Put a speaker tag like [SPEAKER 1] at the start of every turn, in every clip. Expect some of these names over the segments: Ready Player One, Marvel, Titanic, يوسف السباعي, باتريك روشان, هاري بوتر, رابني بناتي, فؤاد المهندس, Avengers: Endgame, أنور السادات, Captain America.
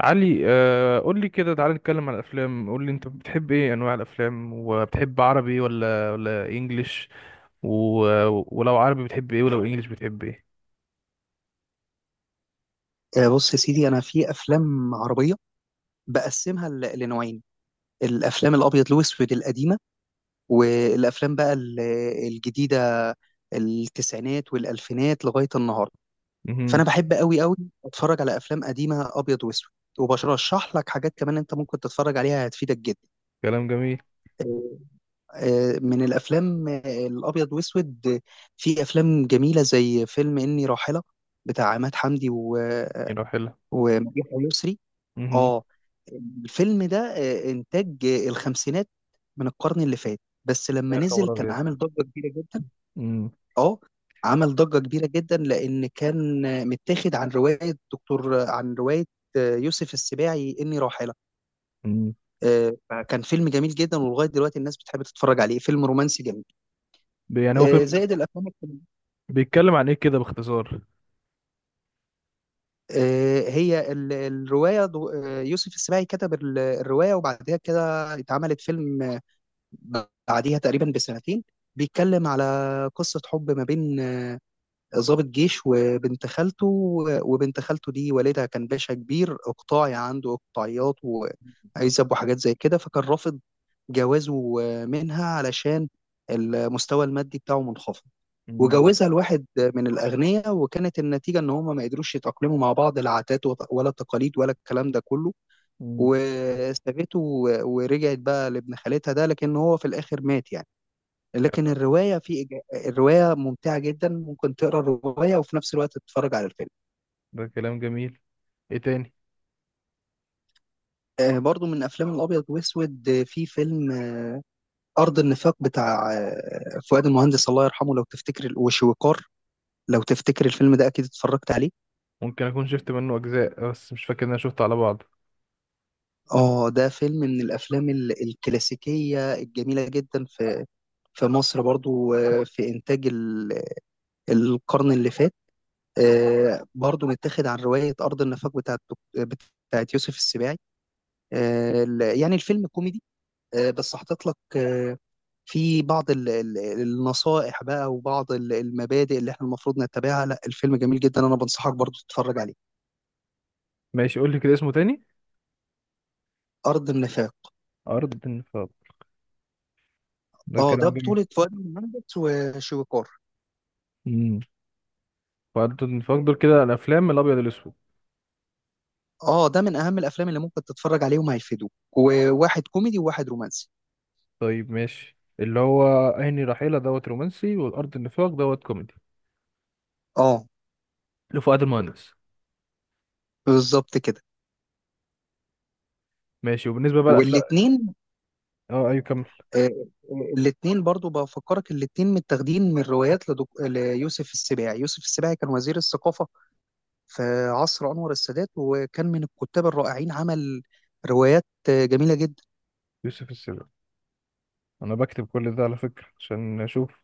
[SPEAKER 1] علي، قول لي كده، تعالى نتكلم عن الافلام. قول لي انت بتحب ايه انواع الافلام؟ وبتحب عربي ولا انجليش و... ولو عربي بتحب ايه؟ ولو انجليش بتحب ايه؟
[SPEAKER 2] بص يا سيدي، انا في افلام عربيه بقسمها لنوعين: الافلام الابيض الاسود القديمه، والافلام بقى الجديده، التسعينات والالفينات لغايه النهارده.
[SPEAKER 1] امم.
[SPEAKER 2] فانا بحب قوي قوي اتفرج على افلام قديمه ابيض واسود، وبرشح لك حاجات كمان انت ممكن تتفرج عليها هتفيدك جدا.
[SPEAKER 1] كلام جميل.
[SPEAKER 2] آه، من الافلام الابيض واسود، في افلام جميله زي فيلم اني راحله، بتاع عماد حمدي
[SPEAKER 1] يلا حلو.
[SPEAKER 2] ومديحه يسري.
[SPEAKER 1] امم.
[SPEAKER 2] اه، الفيلم ده انتاج الخمسينات من القرن اللي فات، بس لما
[SPEAKER 1] يا
[SPEAKER 2] نزل
[SPEAKER 1] خبر
[SPEAKER 2] كان
[SPEAKER 1] ابيض.
[SPEAKER 2] عامل ضجة كبيرة جدا.
[SPEAKER 1] امم.
[SPEAKER 2] اه، عمل ضجة كبيرة جدا لان كان متاخد عن رواية دكتور عن رواية يوسف السباعي، إني راحلة.
[SPEAKER 1] أمم.
[SPEAKER 2] فكان فيلم جميل جدا، ولغاية دلوقتي الناس بتحب تتفرج عليه، فيلم رومانسي جميل.
[SPEAKER 1] يعني هو فيلم
[SPEAKER 2] زائد الأفلام الكوميدية.
[SPEAKER 1] بيتكلم عن ايه كده باختصار؟
[SPEAKER 2] هي الرواية، يوسف السباعي كتب الرواية، وبعدها كده اتعملت فيلم بعديها تقريبا بسنتين. بيتكلم على قصة حب ما بين ضابط جيش وبنت خالته. وبنت خالته دي والدها كان باشا كبير اقطاعي، عنده اقطاعيات وعزب وحاجات زي كده، فكان رافض جوازه منها علشان المستوى المادي بتاعه منخفض.
[SPEAKER 1] امم.
[SPEAKER 2] وجوزها لواحد من الأغنياء، وكانت النتيجة إن هما ما قدروش يتأقلموا مع بعض، لا عادات ولا تقاليد ولا الكلام ده كله.
[SPEAKER 1] أمم.
[SPEAKER 2] وسابته ورجعت بقى لابن خالتها ده، لكن هو في الآخر مات يعني. لكن الرواية الرواية ممتعة جدا، ممكن تقرا الرواية وفي نفس الوقت تتفرج على الفيلم.
[SPEAKER 1] ده كلام جميل. ايه تاني؟
[SPEAKER 2] برضو من أفلام الأبيض وأسود، في فيلم أرض النفاق، بتاع فؤاد المهندس الله يرحمه، لو تفتكر، وشويكار. لو تفتكر الفيلم ده أكيد اتفرجت عليه.
[SPEAKER 1] ممكن اكون شفت منه اجزاء بس مش فاكر ان انا شفته على بعض.
[SPEAKER 2] اه، ده فيلم من الافلام الكلاسيكيه الجميله جدا، في مصر برضو، في انتاج القرن اللي فات. برضو متاخد عن روايه ارض النفاق بتاعت يوسف السباعي. يعني الفيلم كوميدي، بس حاطط لك في بعض النصائح بقى، وبعض المبادئ اللي احنا المفروض نتبعها. لا، الفيلم جميل جدا، انا بنصحك برضو تتفرج عليه.
[SPEAKER 1] ماشي، قول لي كده اسمه تاني.
[SPEAKER 2] أرض النفاق.
[SPEAKER 1] ارض النفاق. ده
[SPEAKER 2] اه، ده
[SPEAKER 1] كلام جميل.
[SPEAKER 2] بطولة فؤاد المهندس وشويكار.
[SPEAKER 1] مم. فانتوا نفضل كده الافلام الابيض الاسود؟
[SPEAKER 2] اه، ده من اهم الافلام اللي ممكن تتفرج عليهم، هيفيدوك، وواحد كوميدي وواحد رومانسي.
[SPEAKER 1] طيب ماشي، اللي هو عيني رحيلة دوت رومانسي والارض النفاق دوت كوميدي
[SPEAKER 2] اه،
[SPEAKER 1] لفؤاد المهندس.
[SPEAKER 2] بالظبط كده.
[SPEAKER 1] ماشي، وبالنسبه بقى الافلام،
[SPEAKER 2] والاتنين،
[SPEAKER 1] اه ايوه كمل.
[SPEAKER 2] آه، الاتنين برضو بفكرك، الاتنين متاخدين من روايات ليوسف السباعي. يوسف السباعي كان وزير الثقافة في عصر أنور السادات، وكان من الكتاب الرائعين، عمل روايات جميلة جدا.
[SPEAKER 1] يوسف السيد. انا بكتب كل ده على فكره عشان اشوف.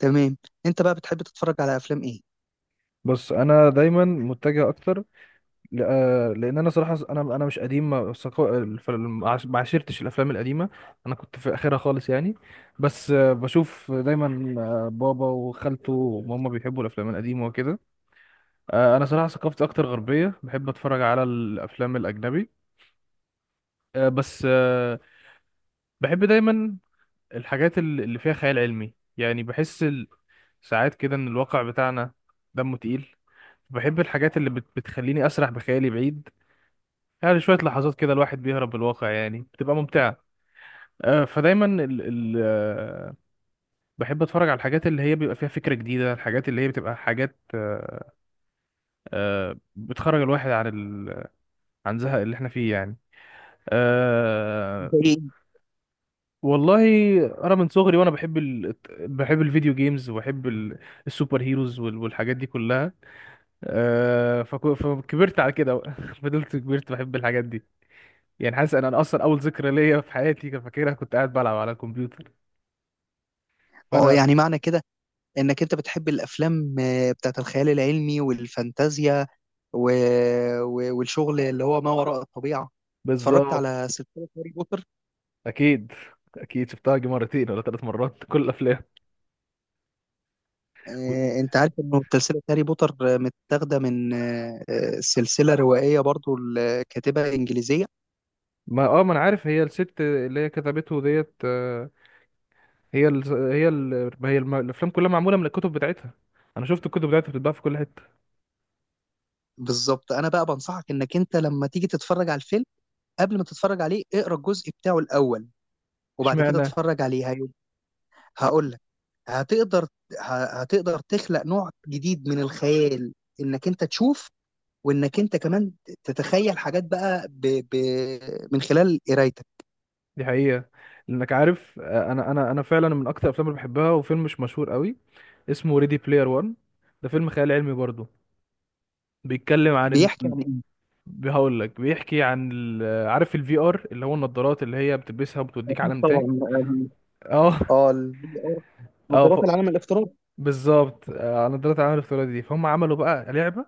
[SPEAKER 2] تمام. أنت بقى بتحب تتفرج على أفلام إيه؟
[SPEAKER 1] بص انا دايما متجه اكتر لان انا صراحه انا مش قديم، ما ثقا- الف- ما عشرتش الافلام القديمه. انا كنت في اخرها خالص يعني. بس بشوف دايما بابا وخالته وماما بيحبوا الافلام القديمه وكده. انا صراحه ثقافتي اكتر غربيه، بحب اتفرج على الافلام الاجنبي. آه، بس آه، بحب دايما الحاجات اللي فيها خيال علمي. يعني بحس ساعات كده ان الواقع بتاعنا دمه تقيل. بحب الحاجات اللي بتخليني اسرح بخيالي بعيد. يعني شويه لحظات كده الواحد بيهرب بالواقع، يعني بتبقى ممتعه. آه، فدايما ال ال آه، بحب اتفرج على الحاجات اللي هي بيبقى فيها فكره جديده، الحاجات اللي هي بتبقى حاجات بتخرج الواحد عن عن زهق اللي احنا فيه يعني. أه.
[SPEAKER 2] زي إيه؟
[SPEAKER 1] والله انا من صغري وانا بحب الفيديو جيمز السوبر هيروز والحاجات دي كلها. أه فكبرت على كده بقى. فضلت كبرت بحب الحاجات دي. يعني حاسس ان انا اصلا اول ذكرى ليا في حياتي كان فاكرها كنت قاعد بلعب على الكمبيوتر.
[SPEAKER 2] اه،
[SPEAKER 1] فانا
[SPEAKER 2] يعني معنى كده انك انت بتحب الافلام بتاعت الخيال العلمي والفانتازيا، و... والشغل اللي هو ما وراء الطبيعة. اتفرجت
[SPEAKER 1] بالظبط.
[SPEAKER 2] على سلسلة هاري بوتر؟
[SPEAKER 1] اكيد، اكيد شفتها يجي مرتين ولا ثلاث مرات. كل الافلام.
[SPEAKER 2] انت عارف انه سلسلة هاري بوتر متاخدة من سلسلة روائية برضو لكاتبة انجليزية.
[SPEAKER 1] ما اه ما انا عارف، هي الست اللي هي كتبته ديت آه، هي ال... هي ال... هي الم... الافلام كلها معموله من الكتب بتاعتها. انا شفت الكتب بتاعتها بتتباع في كل حته.
[SPEAKER 2] بالظبط، انا بقى بنصحك انك انت لما تيجي تتفرج على الفيلم، قبل ما تتفرج عليه اقرا الجزء بتاعه الاول، وبعد كده
[SPEAKER 1] اشمعنى؟
[SPEAKER 2] اتفرج عليه. هقول لك. هتقدر، هتقدر تخلق نوع جديد من الخيال، انك انت تشوف، وانك انت كمان تتخيل حاجات بقى ب... من خلال قرايتك.
[SPEAKER 1] دي حقيقه. لانك عارف آه، انا فعلا من اكتر الافلام اللي بحبها، وفيلم مش مشهور قوي اسمه ريدي بلاير 1. ده فيلم خيال علمي برضه. بيتكلم عن
[SPEAKER 2] بيحكي
[SPEAKER 1] ال...
[SPEAKER 2] عن ايه؟
[SPEAKER 1] هقول لك بيحكي عن عارف الفي ار اللي هو النضارات اللي هي بتلبسها وبتوديك
[SPEAKER 2] أكيد
[SPEAKER 1] عالم تاني.
[SPEAKER 2] طبعا.
[SPEAKER 1] اه.
[SPEAKER 2] اه، الفي ار،
[SPEAKER 1] اه ف...
[SPEAKER 2] نظارات العالم الافتراضي.
[SPEAKER 1] بالظبط. نضارات العالم الافتراضي دي، فهم عملوا بقى لعبه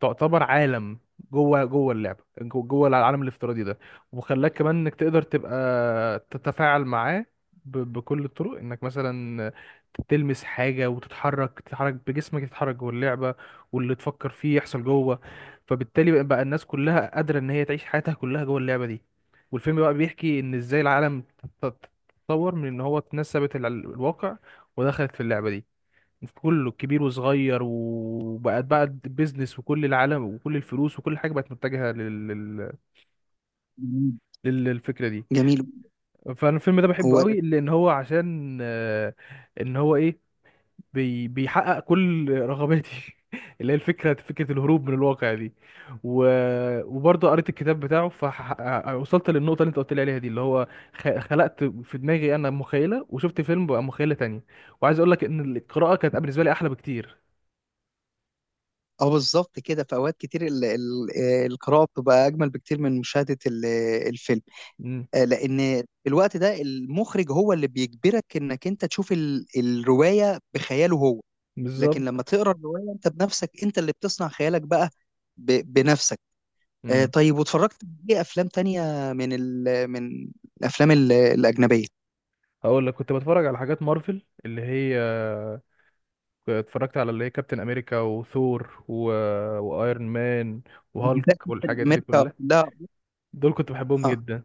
[SPEAKER 1] تعتبر عالم. جوه العالم الافتراضي ده، وخلاك كمان انك تقدر تبقى تتفاعل معاه بكل الطرق. انك مثلا تلمس حاجه وتتحرك، تتحرك بجسمك، تتحرك جوه اللعبه، واللي تفكر فيه يحصل جوه. فبالتالي بقى الناس كلها قادره ان هي تعيش حياتها كلها جوه اللعبه دي. والفيلم بقى بيحكي ان ازاي العالم ت- ت- تطور من ان هو تنسبت الواقع ودخلت في اللعبه دي، في كله كبير وصغير، وبقت بقى بيزنس، وكل العالم وكل الفلوس وكل حاجه بقت متجهه
[SPEAKER 2] جميل.
[SPEAKER 1] للفكره دي.
[SPEAKER 2] جميل.
[SPEAKER 1] فانا الفيلم ده بحبه
[SPEAKER 2] هو
[SPEAKER 1] قوي لان هو عشان ان هو ايه، بيحقق كل رغباتي اللي هي فكره الهروب من الواقع دي. و... وبرضه قريت الكتاب بتاعه، فوصلت للنقطه اللي انت قلت لي عليها دي، اللي هو خلقت في دماغي انا مخيله، وشفت فيلم بقى مخيله تانية. وعايز اقول لك ان القراءه كانت بالنسبه لي احلى بكتير.
[SPEAKER 2] اه، بالظبط كده، في اوقات كتير ال... ال... آه، القراءه بتبقى اجمل بكتير من مشاهده الفيلم،
[SPEAKER 1] مم.
[SPEAKER 2] لان في الوقت ده المخرج هو اللي بيجبرك انك انت تشوف الروايه بخياله هو. لكن لما
[SPEAKER 1] بالظبط.
[SPEAKER 2] تقرا الروايه انت بنفسك، انت اللي بتصنع خيالك بقى بنفسك.
[SPEAKER 1] امم.
[SPEAKER 2] طيب، واتفرجت ايه افلام تانية، من الافلام الاجنبيه؟
[SPEAKER 1] هقول لك كنت بتفرج على حاجات مارفل اللي هي اتفرجت على اللي هي كابتن امريكا وثور وايرون مان
[SPEAKER 2] بالذات.
[SPEAKER 1] وهالك والحاجات دي
[SPEAKER 2] امريكا،
[SPEAKER 1] كلها.
[SPEAKER 2] لا.
[SPEAKER 1] دول كنت بحبهم
[SPEAKER 2] اه.
[SPEAKER 1] جدا.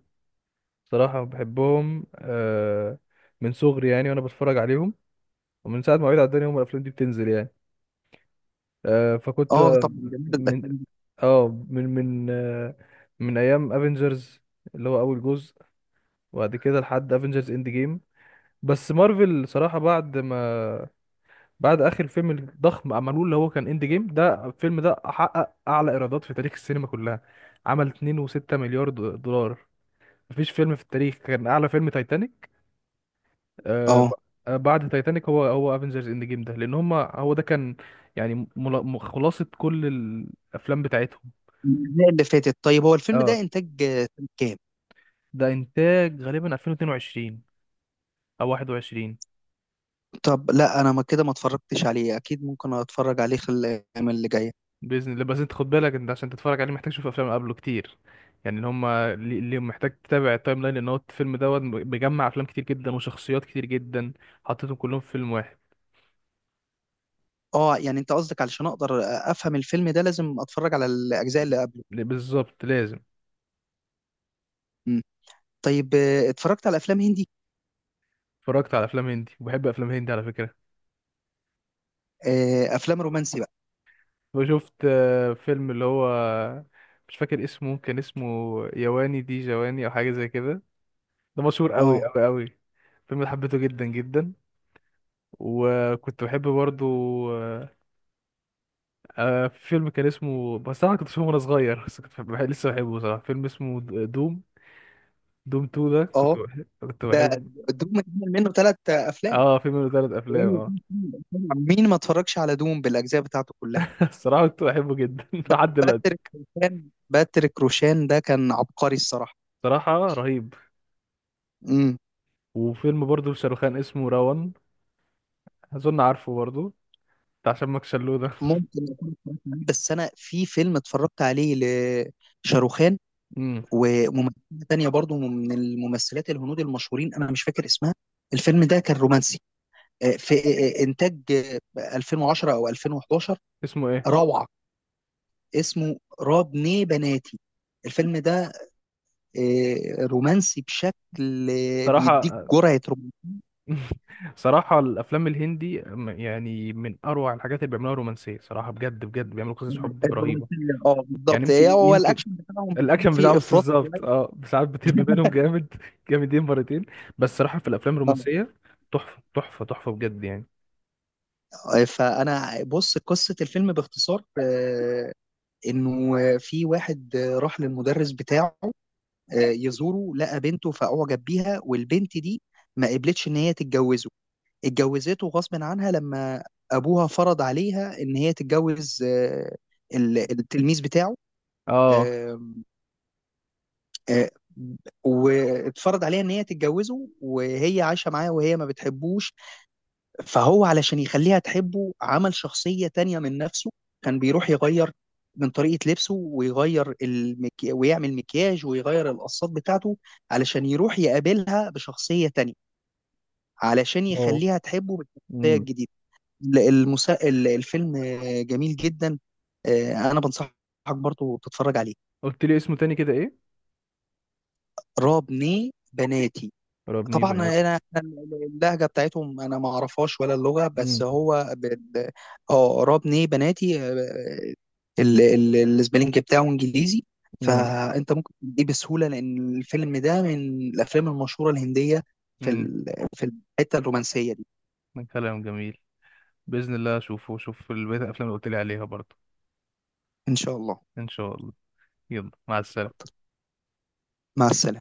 [SPEAKER 1] صراحة بحبهم من صغري يعني وانا بتفرج عليهم، ومن ساعة ما وعيت على الدنيا هم الافلام دي بتنزل يعني. آه، فكنت آه،
[SPEAKER 2] طبعا، جميل
[SPEAKER 1] من
[SPEAKER 2] الافلام دي.
[SPEAKER 1] اه من من آه، من ايام افنجرز اللي هو اول جزء، وبعد كده لحد افنجرز اند جيم. بس مارفل صراحة بعد ما بعد اخر فيلم الضخم عملوه اللي هو كان اند جيم، ده الفيلم ده حقق اعلى ايرادات في تاريخ السينما كلها، عمل 2.6 مليار دولار. مفيش فيلم في التاريخ كان اعلى، فيلم تايتانيك. آه ب-
[SPEAKER 2] اه،
[SPEAKER 1] بعد تايتانيك هو افنجرز اند جيم ده، لان هم هو ده كان يعني خلاصة كل الافلام بتاعتهم.
[SPEAKER 2] الأجزاء اللي فاتت. طيب، هو الفيلم
[SPEAKER 1] اه
[SPEAKER 2] ده انتاج سنة كام؟
[SPEAKER 1] ده انتاج غالبا 2022 او 21.
[SPEAKER 2] طب لا، انا ما كده ما اتفرجتش عليه، اكيد ممكن اتفرج عليه خلال الايام اللي جايه.
[SPEAKER 1] باذن الله. بس انت خد بالك، انت عشان تتفرج عليه محتاج تشوف افلام قبله كتير. يعني اللي هم اللي محتاج تتابع التايم لاين، لان هو الفيلم دوت بيجمع افلام كتير جدا وشخصيات كتير جدا حطيتهم كلهم في فيلم واحد.
[SPEAKER 2] اه، يعني انت قصدك علشان اقدر افهم الفيلم ده لازم اتفرج على الاجزاء اللي قبله.
[SPEAKER 1] بالظبط لازم.
[SPEAKER 2] مم. طيب، اتفرجت على افلام هندي؟
[SPEAKER 1] اتفرجت على افلام هندي، وبحب افلام هندي على فكره.
[SPEAKER 2] افلام رومانسي بقى؟
[SPEAKER 1] وشفت فيلم اللي هو مش فاكر اسمه، كان اسمه يواني دي جواني او حاجه زي كده. ده مشهور قوي
[SPEAKER 2] اه.
[SPEAKER 1] قوي قوي. الفيلم ده حبيته جدا جدا. وكنت بحب برضو آه، في فيلم كان اسمه، بس انا كنت بشوفه وانا صغير، بس لسه بحبه صراحه، فيلم اسمه دوم. دوم 2 ده
[SPEAKER 2] اه،
[SPEAKER 1] كنت
[SPEAKER 2] ده
[SPEAKER 1] بحب.
[SPEAKER 2] دوم اتعمل منه ثلاث افلام.
[SPEAKER 1] اه فيلم منه ثلاث افلام، اه.
[SPEAKER 2] مين ما اتفرجش على دوم بالاجزاء بتاعته كلها.
[SPEAKER 1] الصراحه كنت بحبه جدا
[SPEAKER 2] ب-
[SPEAKER 1] لحد دلوقتي.
[SPEAKER 2] باتريك روشان. باتريك روشان ده كان عبقري الصراحه.
[SPEAKER 1] صراحه رهيب.
[SPEAKER 2] مم.
[SPEAKER 1] وفيلم برضه لشاروخان اسمه راون. اظن عارفه برضه، بتاع شمك شلو ده.
[SPEAKER 2] ممكن أكون اتفرجت عليه، بس انا في فيلم اتفرجت عليه لشاروخان،
[SPEAKER 1] امم.
[SPEAKER 2] وممثله تانية برضو من الممثلات الهنود المشهورين، انا مش فاكر اسمها. الفيلم ده كان رومانسي، في انتاج 2010 او 2011.
[SPEAKER 1] اسمه ايه؟
[SPEAKER 2] روعه. اسمه راب ني بناتي. الفيلم ده رومانسي بشكل بيديك
[SPEAKER 1] صراحه.
[SPEAKER 2] جرعه
[SPEAKER 1] صراحه الافلام الهندي يعني من اروع الحاجات اللي بيعملوها رومانسيه، صراحه بجد بجد بيعملوا قصص حب رهيبه.
[SPEAKER 2] الرومانسيه. اه،
[SPEAKER 1] يعني
[SPEAKER 2] بالظبط. هي
[SPEAKER 1] يمكن
[SPEAKER 2] هو
[SPEAKER 1] يمكن
[SPEAKER 2] الاكشن بتاعهم بيكون
[SPEAKER 1] الاكشن بتاعه
[SPEAKER 2] فيه
[SPEAKER 1] مش
[SPEAKER 2] افراط
[SPEAKER 1] بالظبط،
[SPEAKER 2] شوية.
[SPEAKER 1] اه ساعات بتهب بينهم جامد. جامدين مرتين. بس صراحه في الافلام الرومانسيه تحفه تحفه بجد يعني.
[SPEAKER 2] فانا بص، قصه الفيلم باختصار انه في واحد راح للمدرس بتاعه يزوره، لقى بنته فأعجب بيها، والبنت دي ما قبلتش إن هي تتجوزه. اتجوزته غصب عنها لما أبوها فرض عليها إن هي تتجوز التلميذ بتاعه.
[SPEAKER 1] اه.
[SPEAKER 2] آم، آه، واتفرض عليها إن هي تتجوزه، وهي عايشة معاه وهي ما بتحبوش. فهو علشان يخليها تحبه عمل شخصية تانية من نفسه، كان بيروح يغير من طريقة لبسه، ويغير ويعمل مكياج، ويغير القصات بتاعته، علشان يروح يقابلها بشخصية تانية، علشان
[SPEAKER 1] واو.
[SPEAKER 2] يخليها تحبه بالشخصية
[SPEAKER 1] امم.
[SPEAKER 2] الجديدة. الفيلم جميل جدا. أنا بنصحك برضو تتفرج عليه.
[SPEAKER 1] قلت لي اسمه تاني كده ايه؟
[SPEAKER 2] رابني بناتي.
[SPEAKER 1] ربني
[SPEAKER 2] طبعا انا
[SPEAKER 1] بناتي.
[SPEAKER 2] أنا اللهجه بتاعتهم انا ما اعرفهاش، ولا اللغه، بس
[SPEAKER 1] امم.
[SPEAKER 2] هو اه، رابني بناتي. السبيلنج بتاعه انجليزي،
[SPEAKER 1] امم.
[SPEAKER 2] فانت ممكن تجيب بسهوله، لان الفيلم ده من الافلام المشهوره الهنديه، في
[SPEAKER 1] امم.
[SPEAKER 2] ال- في الحته الرومانسيه دي.
[SPEAKER 1] كلام جميل. باذن الله اشوفه واشوف البيت الافلام اللي قلت لي عليها برضه.
[SPEAKER 2] ان شاء الله.
[SPEAKER 1] ان شاء الله. يلا مع السلامه.
[SPEAKER 2] مع السلامه.